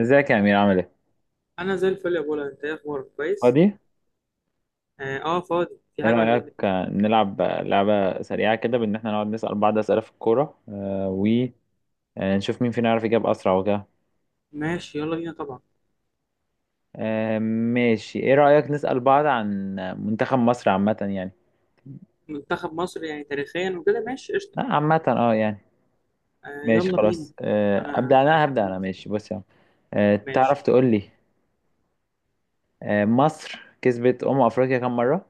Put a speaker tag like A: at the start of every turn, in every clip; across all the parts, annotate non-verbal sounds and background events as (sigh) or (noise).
A: ازيك يا امير؟ عامل ايه؟
B: انا زي الفل يا بولا، انت ايه اخبارك كويس؟
A: فاضي.
B: فاضي، في
A: ايه
B: حاجه ولا ايه؟
A: رايك نلعب لعبه سريعه كده، بان احنا نقعد نسال بعض اسئله في الكوره، ونشوف مين فينا يعرف يجاوب اسرع وكده.
B: ماشي، يلا بينا طبعا.
A: ماشي. ايه رايك نسال بعض عن منتخب مصر عامه يعني؟
B: منتخب مصر يعني تاريخيا وكده، ماشي قشطه.
A: لا عامه اه يعني. ماشي
B: يلا بينا.
A: خلاص. آه،
B: انا
A: ابدا انا
B: بحب
A: هبدا انا
B: مصر.
A: ماشي، بص يا عم.
B: ماشي.
A: تعرف تقول لي مصر كسبت افريقيا كام مره؟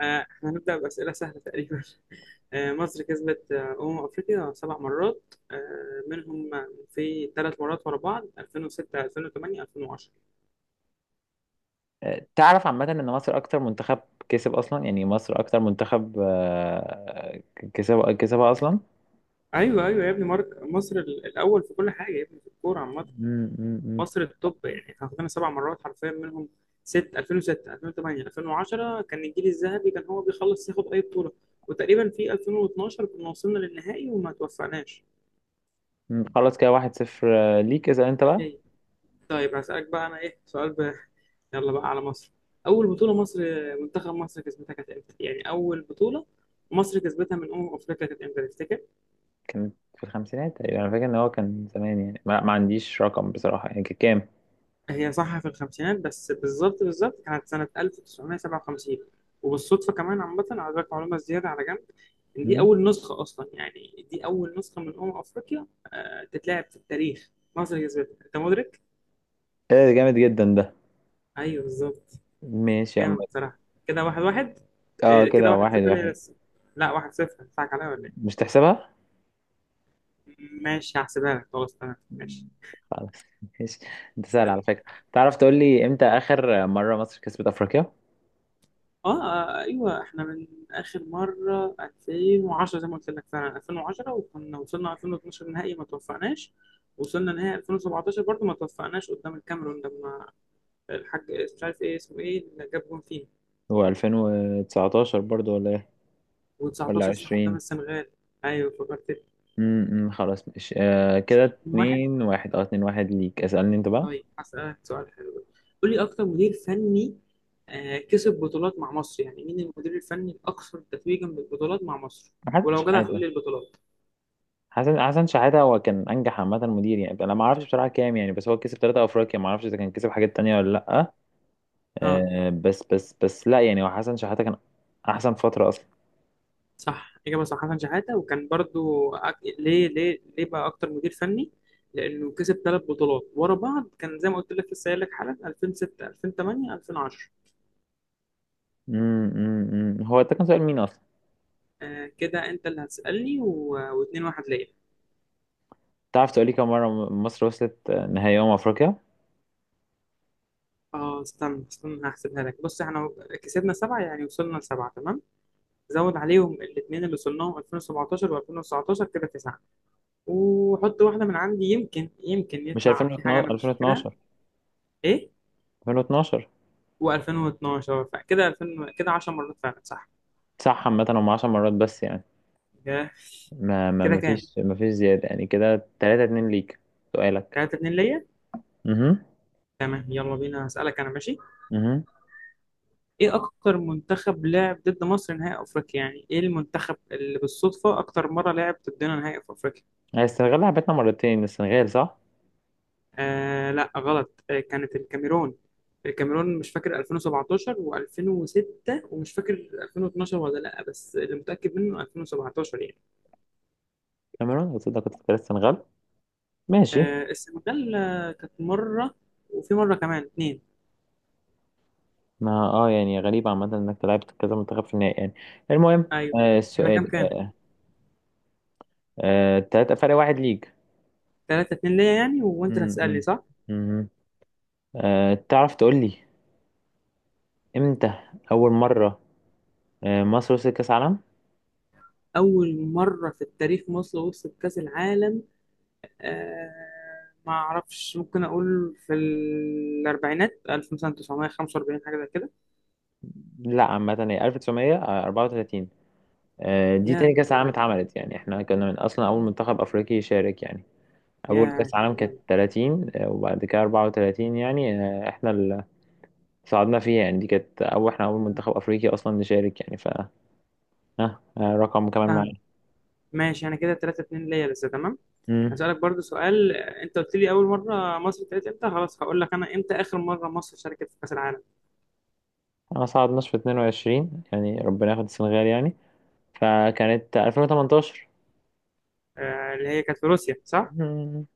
B: احنا هنبدا باسئله سهله تقريبا. (laughs) مصر كسبت افريقيا سبع مرات، منهم في ثلاث مرات ورا بعض: 2006، 2008، 2010.
A: تعرف عامه ان مصر اكتر منتخب كسب اصلا، يعني مصر اكتر منتخب كسبها اصلا.
B: ايوه ايوه يا ابني مارك، مصر الاول في كل حاجه يا ابني، في الكوره عامه.
A: مم، مم، مم،
B: مصر التوب يعني، احنا خدنا سبع مرات حرفيا، منهم ست: 2006، 2008، 2010، كان الجيل الذهبي كان هو بيخلص ياخد اي بطوله. وتقريبا في 2012 كنا وصلنا للنهائي وما توفقناش.
A: مم. خلاص، كده واحد صفر. ليك، اسأل انت بقى.
B: هي. طيب هسألك بقى انا، ايه سؤال يلا بقى على مصر. اول بطوله مصر، منتخب مصر كسبتها كانت امتى؟ يعني اول بطوله مصر كسبتها من افريقيا كانت امتى تفتكر؟
A: كان في الخمسينات تقريبا، انا فاكر ان هو كان زمان يعني، ما عنديش رقم بصراحة، يعني كان كام؟
B: هي صح، في الخمسينات، بس بالظبط بالظبط كانت سنة 1957. وبالصدفة كمان عامة، على ذلك معلومة زيادة على جنب، إن دي
A: مم.
B: أول نسخة أصلا، يعني دي أول نسخة من أمم أفريقيا تتلعب في التاريخ، مصر كسبتها. أنت مدرك؟
A: ايه ده؟ جامد جدا ده.
B: أيوه بالظبط.
A: ماشي يا عم.
B: جامد بصراحة. كده واحد واحد.
A: اه،
B: كده
A: كده
B: واحد
A: واحد
B: صفر ليه
A: واحد.
B: لسه؟ لا، واحد صفر؟ هتضحك عليا ولا إيه؟
A: مش تحسبها؟
B: ماشي، هحسبها لك، خلاص، تمام، ماشي.
A: خلاص. (laughs) ماشي. انت سهل على فكرة. تعرف تقول لي امتى اخر مرة مصر كسبت افريقيا؟
B: ايوه، احنا من اخر مره 2010، زي ما قلت لك فعلا 2010، وكنا وصلنا 2012 نهائي ما توفقناش. وصلنا نهائي 2017 برضو ما توفقناش قدام الكاميرون، لما الحاج، مش عارف ايه اسمه، ايه اللي جاب جون فينا.
A: هو 2019 برضو ولا ايه؟
B: و19
A: ولا
B: صح، قدام
A: 20؟
B: السنغال. ايوه فكرت.
A: امم، خلاص ماشي. آه كده
B: من واحد.
A: اتنين واحد. اه اتنين واحد ليك. اسألني انت بقى.
B: طيب هسألك سؤال حلو. قول لي اكتر مدير فني كسب بطولات مع مصر، يعني مين المدير الفني الاكثر تتويجا بالبطولات مع مصر؟
A: محدش
B: ولو جدع تقول
A: حاجة.
B: لي البطولات.
A: حسن، حسن شحاتة. هو كان انجح عامه مدير يعني، انا ما اعرفش بصراحه كام يعني، بس هو كسب ثلاثة افريقيا، ما اعرفش اذا كان كسب حاجات تانية ولا لا.
B: اه.
A: أه بس لا يعني، هو حسن شحاتة كان احسن فتره اصلا.
B: صح، إجابة صح، حسن شحاتة. وكان برضو ليه ليه ليه بقى أكتر مدير فني؟ لأنه كسب ثلاث بطولات ورا بعض، كان زي ما قلت لك لسه قايل لك حالا: 2006، 2008، 2010.
A: أمم. هو ده كان سؤال مين اصلا؟
B: كده أنت اللي هتسألني واتنين واحد ليا.
A: تعرف تقولي كم مره مصر وصلت نهائي افريقيا؟
B: اه، استنى استنى، هحسبها لك. بص، احنا كسبنا سبعة، يعني وصلنا لسبعة تمام. زود عليهم الاثنين اللي وصلناهم 2017 و2019، كده تسعة. وحط واحدة من عندي، يمكن يمكن
A: مش
B: يطلع في حاجة
A: 2012؟
B: أنا مش فاكرها.
A: 2012،
B: ايه.
A: 2012.
B: و2012، فكده 2000، كده 10 مرات فعلا، صح.
A: صح، عامه هم 10 مرات بس يعني،
B: كده.
A: ما ما
B: كده
A: ما
B: كام؟
A: فيش ما فيش زياده يعني. كده 3 2 ليك. سؤالك.
B: 3-2 ليا.
A: اها.
B: تمام، يلا بينا، هسألك انا، ماشي.
A: اها.
B: ايه اكتر منتخب لعب ضد مصر نهائي افريقيا؟ يعني ايه المنتخب اللي بالصدفة اكتر مرة لعب ضدنا نهائي في افريقيا؟
A: السنغال لعبتنا مرتين، السنغال صح؟
B: لا غلط، كانت الكاميرون. الكاميرون مش فاكر 2017 و2006، ومش فاكر 2012 ولا لا، بس اللي متأكد منه 2017 يعني.
A: كاميرون؟ قلت لك، كنت السنغال. ماشي.
B: السنغال كانت مرة، وفي مرة كمان اتنين.
A: ما اه يعني غريب عامة انك لعبت كذا منتخب في النهائي يعني. المهم،
B: ايوه.
A: آه
B: احنا
A: السؤال.
B: كام كام؟
A: آه تلاتة فرق واحد ليك.
B: 3-2 ليا، يعني وانت اللي
A: مم،
B: هتسالني،
A: مم،
B: صح.
A: مم. آه تعرف تقول لي امتى أول مرة مصر وصلت كأس عالم؟
B: اول مره في التاريخ مصر وصلت كاس العالم. آه. ما اعرفش، ممكن اقول في الاربعينات 1945، حاجه زي كده.
A: لا عامة، هي 1934. آه دي
B: يا
A: تاني
B: كنت
A: كأس عالم
B: قريب.
A: اتعملت، يعني احنا كنا من أصلا أول منتخب أفريقي يشارك يعني. أول
B: يا
A: كأس
B: كنت
A: عالم كانت
B: جامد.
A: 30، وبعد كده 34 يعني. آه احنا صعدنا فيها يعني، دي كانت أول، إحنا أول
B: آه.
A: منتخب أفريقي أصلا نشارك يعني، ف ها رقم كمان معايا.
B: فاهم. ماشي، انا كده 3-2 ليا لسه، تمام.
A: أمم.
B: هسالك برضو سؤال، انت قلت لي اول مره مصر ابتدت امتى، خلاص هقول لك انا امتى اخر مره مصر شاركت في كاس العالم.
A: ما صعدناش في 22 يعني، ربنا ياخد السنغال يعني، فكانت 2018.
B: اللي هي كانت في روسيا، صح.
A: أمم.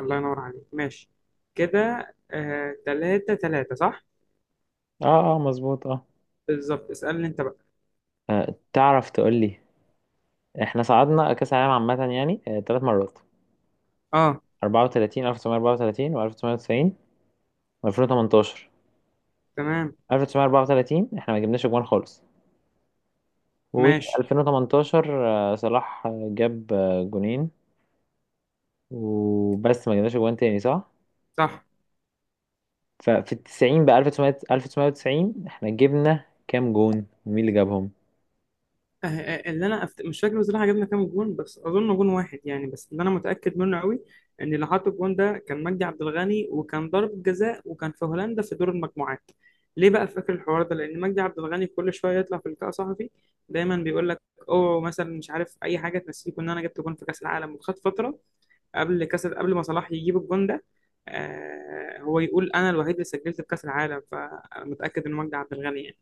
B: الله ينور عليك، ماشي. كده تلاتة تلاتة صح.
A: اه اه مظبوط اه.
B: بالظبط، اسألني انت بقى.
A: تعرف تقول لي، احنا صعدنا كأس العالم عامة يعني ثلاث مرات:
B: اه،
A: 34، 1934 و1990 و2018.
B: تمام،
A: 1934 احنا ما جبناش جوان خالص.
B: ماشي،
A: و2018 صلاح جاب جونين وبس، ما جبناش جوان تاني صح؟
B: صح.
A: ففي التسعين بقى، 1900، 1990، احنا جبنا كام جون ومين اللي جابهم؟
B: اللي انا مش فاكر بصراحة جبنا كام جون، بس اظن جون واحد يعني، بس اللي انا متأكد منه قوي ان اللي حط الجون ده كان مجدي عبد الغني، وكان ضرب جزاء، وكان في هولندا في دور المجموعات. ليه بقى فاكر الحوار ده؟ لان مجدي عبد الغني كل شوية يطلع في لقاء صحفي، دايما بيقول لك: اوه مثلا، مش عارف اي حاجة، تنسيكم ان انا جبت جون في كأس العالم. وخد فترة، قبل كاس، قبل ما صلاح يجيب الجون ده. هو يقول انا الوحيد اللي سجلت في كاس العالم، فمتاكد ان مجدي عبد الغني يعني.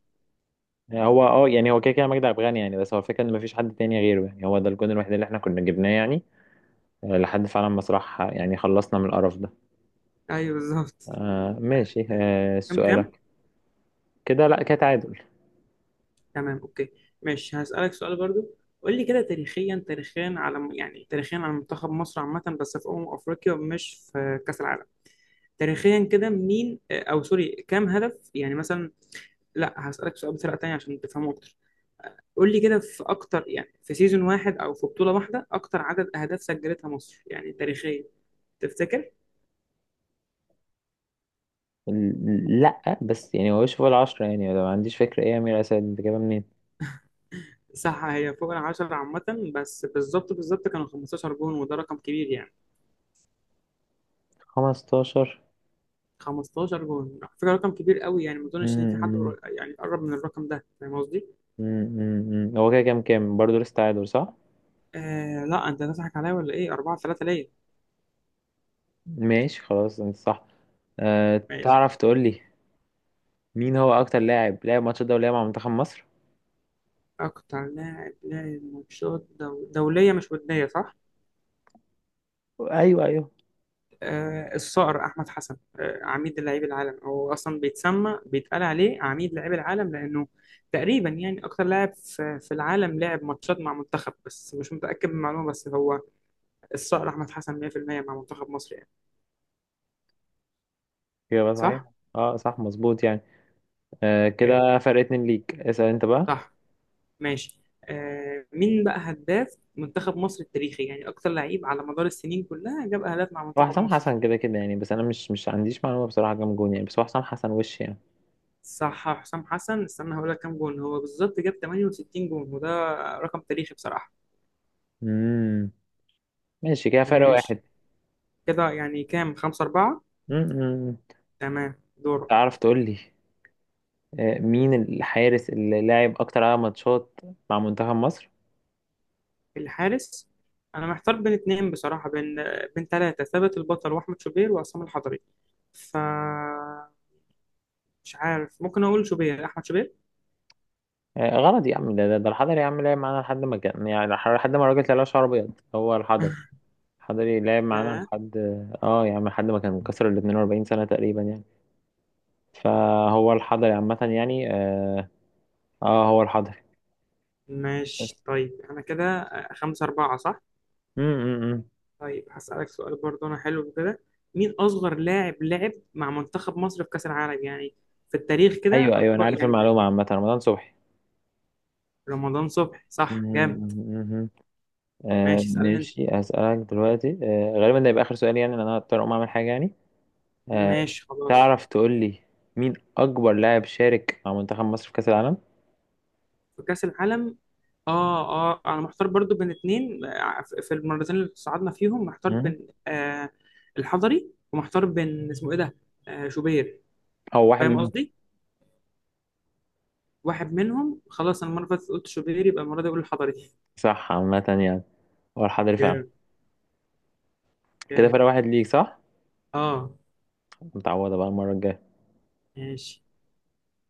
A: يعني هو اه يعني، هو كده كده مجدي عبد الغني يعني، بس هو الفكره ان مفيش حد تاني غيره يعني، هو ده الجون الوحيد اللي احنا كنا جبناه يعني، لحد فعلا ما صلاح يعني خلصنا من القرف ده.
B: ايوه بالظبط.
A: آه
B: آه،
A: ماشي. آه
B: كام كام؟
A: سؤالك؟ كده لا كده تعادل.
B: تمام، اوكي، ماشي، هسالك سؤال برضو. قول لي كده تاريخيا، تاريخيا على يعني تاريخيا على منتخب مصر عامه، بس في افريقيا، مش في كاس العالم. تاريخيا كده مين او سوري، كام هدف يعني مثلا؟ لا، هسالك سؤال بطريقه تانيه عشان تفهمه اكتر. قول لي كده، في اكتر يعني في سيزون واحد او في بطولة واحدة اكتر عدد اهداف سجلتها مصر يعني تاريخيا، تفتكر؟
A: لا بس يعني هو فوق العشرة يعني، لو ما عنديش فكرة. ايه يا أمير أسد، انت جايبها منين؟
B: صح، هي فوق العشرة عامة، بس بالظبط بالظبط كانوا 15 جون، وده رقم كبير يعني.
A: 15؟
B: 15 جون على فكرة رقم كبير قوي يعني، ما
A: مم،
B: اظنش ان في حد
A: مم،
B: يعني قرب من الرقم ده، فاهم قصدي؟
A: هو كده كام كام برضه؟ لسه تعادل صح؟
B: لا، انت هتضحك عليا ولا ايه؟ 4-3 ليا.
A: ماشي خلاص، انت صح. أه
B: ماشي.
A: تعرف تقول لي مين هو اكتر لاعب لعب ماتش الدولية مع منتخب مصر؟
B: اكتر لاعب لاعب ماتشات دولية مش ودية، صح؟
A: ايوه ايوه.
B: الصقر احمد حسن، عميد لعيب العالم، هو اصلا بيتسمى بيتقال عليه عميد لعيب العالم، لانه تقريبا يعني اكتر لاعب في العالم لعب ماتشات مع منتخب، بس مش متاكد من المعلومه، بس هو الصقر احمد حسن 100% مع منتخب مصر يعني.
A: اجابة صحيح.
B: صح؟
A: اه صح مظبوط يعني. أه
B: جامد.
A: كده فرق اتنين ليك. اسأل انت بقى.
B: صح. ماشي، مين بقى هداف منتخب مصر التاريخي؟ يعني اكتر لعيب على مدار السنين كلها جاب اهداف مع
A: هو
B: منتخب
A: حسام
B: مصر.
A: حسن كده كده يعني، بس انا مش عنديش معلومة بصراحة كام جون يعني، بس هو حسام حسن وش يعني.
B: صح، حسام حسن. استنى هقول لك كام جون، هو بالظبط جاب 68 جون، وده رقم تاريخي بصراحه.
A: امم. ماشي، كده فرق
B: ماشي.
A: واحد.
B: كده يعني كام؟ خمسة أربعة.
A: امم.
B: تمام، دورك.
A: تعرف تقول لي، أه مين الحارس اللي لعب اكتر عدد ماتشات مع منتخب مصر؟
B: الحارس. أنا محتار بين اتنين بصراحة، بين تلاتة: ثابت البطل، وأحمد شوبير، وعصام الحضري. ف مش عارف، ممكن أقول شوبير، أحمد شوبير.
A: غلط يا عم. ده الحضري يا عم، لعب معانا لحد ما كان يعني، لحد ما الراجل طلع شعره ابيض، هو الحضري.
B: (laughs)
A: الحضري لعب معانا
B: لا.
A: لحد، اه يا عم، لحد ما كان كسر ال 42 سنة تقريبا يعني. فهو الحضري عامة يعني اه, آه هو الحضري.
B: ماشي، طيب أنا كده خمسة أربعة صح.
A: امم.
B: طيب هسألك سؤال برضه، أنا حلو كده. مين أصغر لاعب لعب مع منتخب مصر في كأس العالم يعني، في التاريخ كده،
A: ايوه ايوه، انا
B: أكبر
A: عارف
B: يعني؟
A: المعلومة عامة، رمضان صبحي.
B: رمضان صبحي، صح. جامد.
A: مم. آه
B: ماشي، اسألني أنت.
A: ماشي، هسألك دلوقتي آه غالبا ده يبقى آخر سؤال يعني، لأن أنا هضطر أقوم أعمل حاجة يعني. آه
B: ماشي خلاص.
A: تعرف تقول لي مين أكبر لاعب شارك مع منتخب مصر في كأس العالم؟
B: في كأس العالم. اه اه، انا محتار برضو بين اتنين، في المرتين اللي صعدنا فيهم، محتار بين الحضري، ومحتار بين اسمه ايه ده. شوبير.
A: هو واحد
B: فاهم
A: منهم.
B: قصدي. واحد منهم، خلاص انا المره اللي فاتت قلت شوبير، يبقى المره دي اقول الحضري.
A: صح عامة يعني، هو الحضري فعلا.
B: جامد.
A: كده
B: جامد.
A: فرق واحد ليك صح.
B: اه.
A: متعوضة بقى المرة الجاية.
B: ماشي.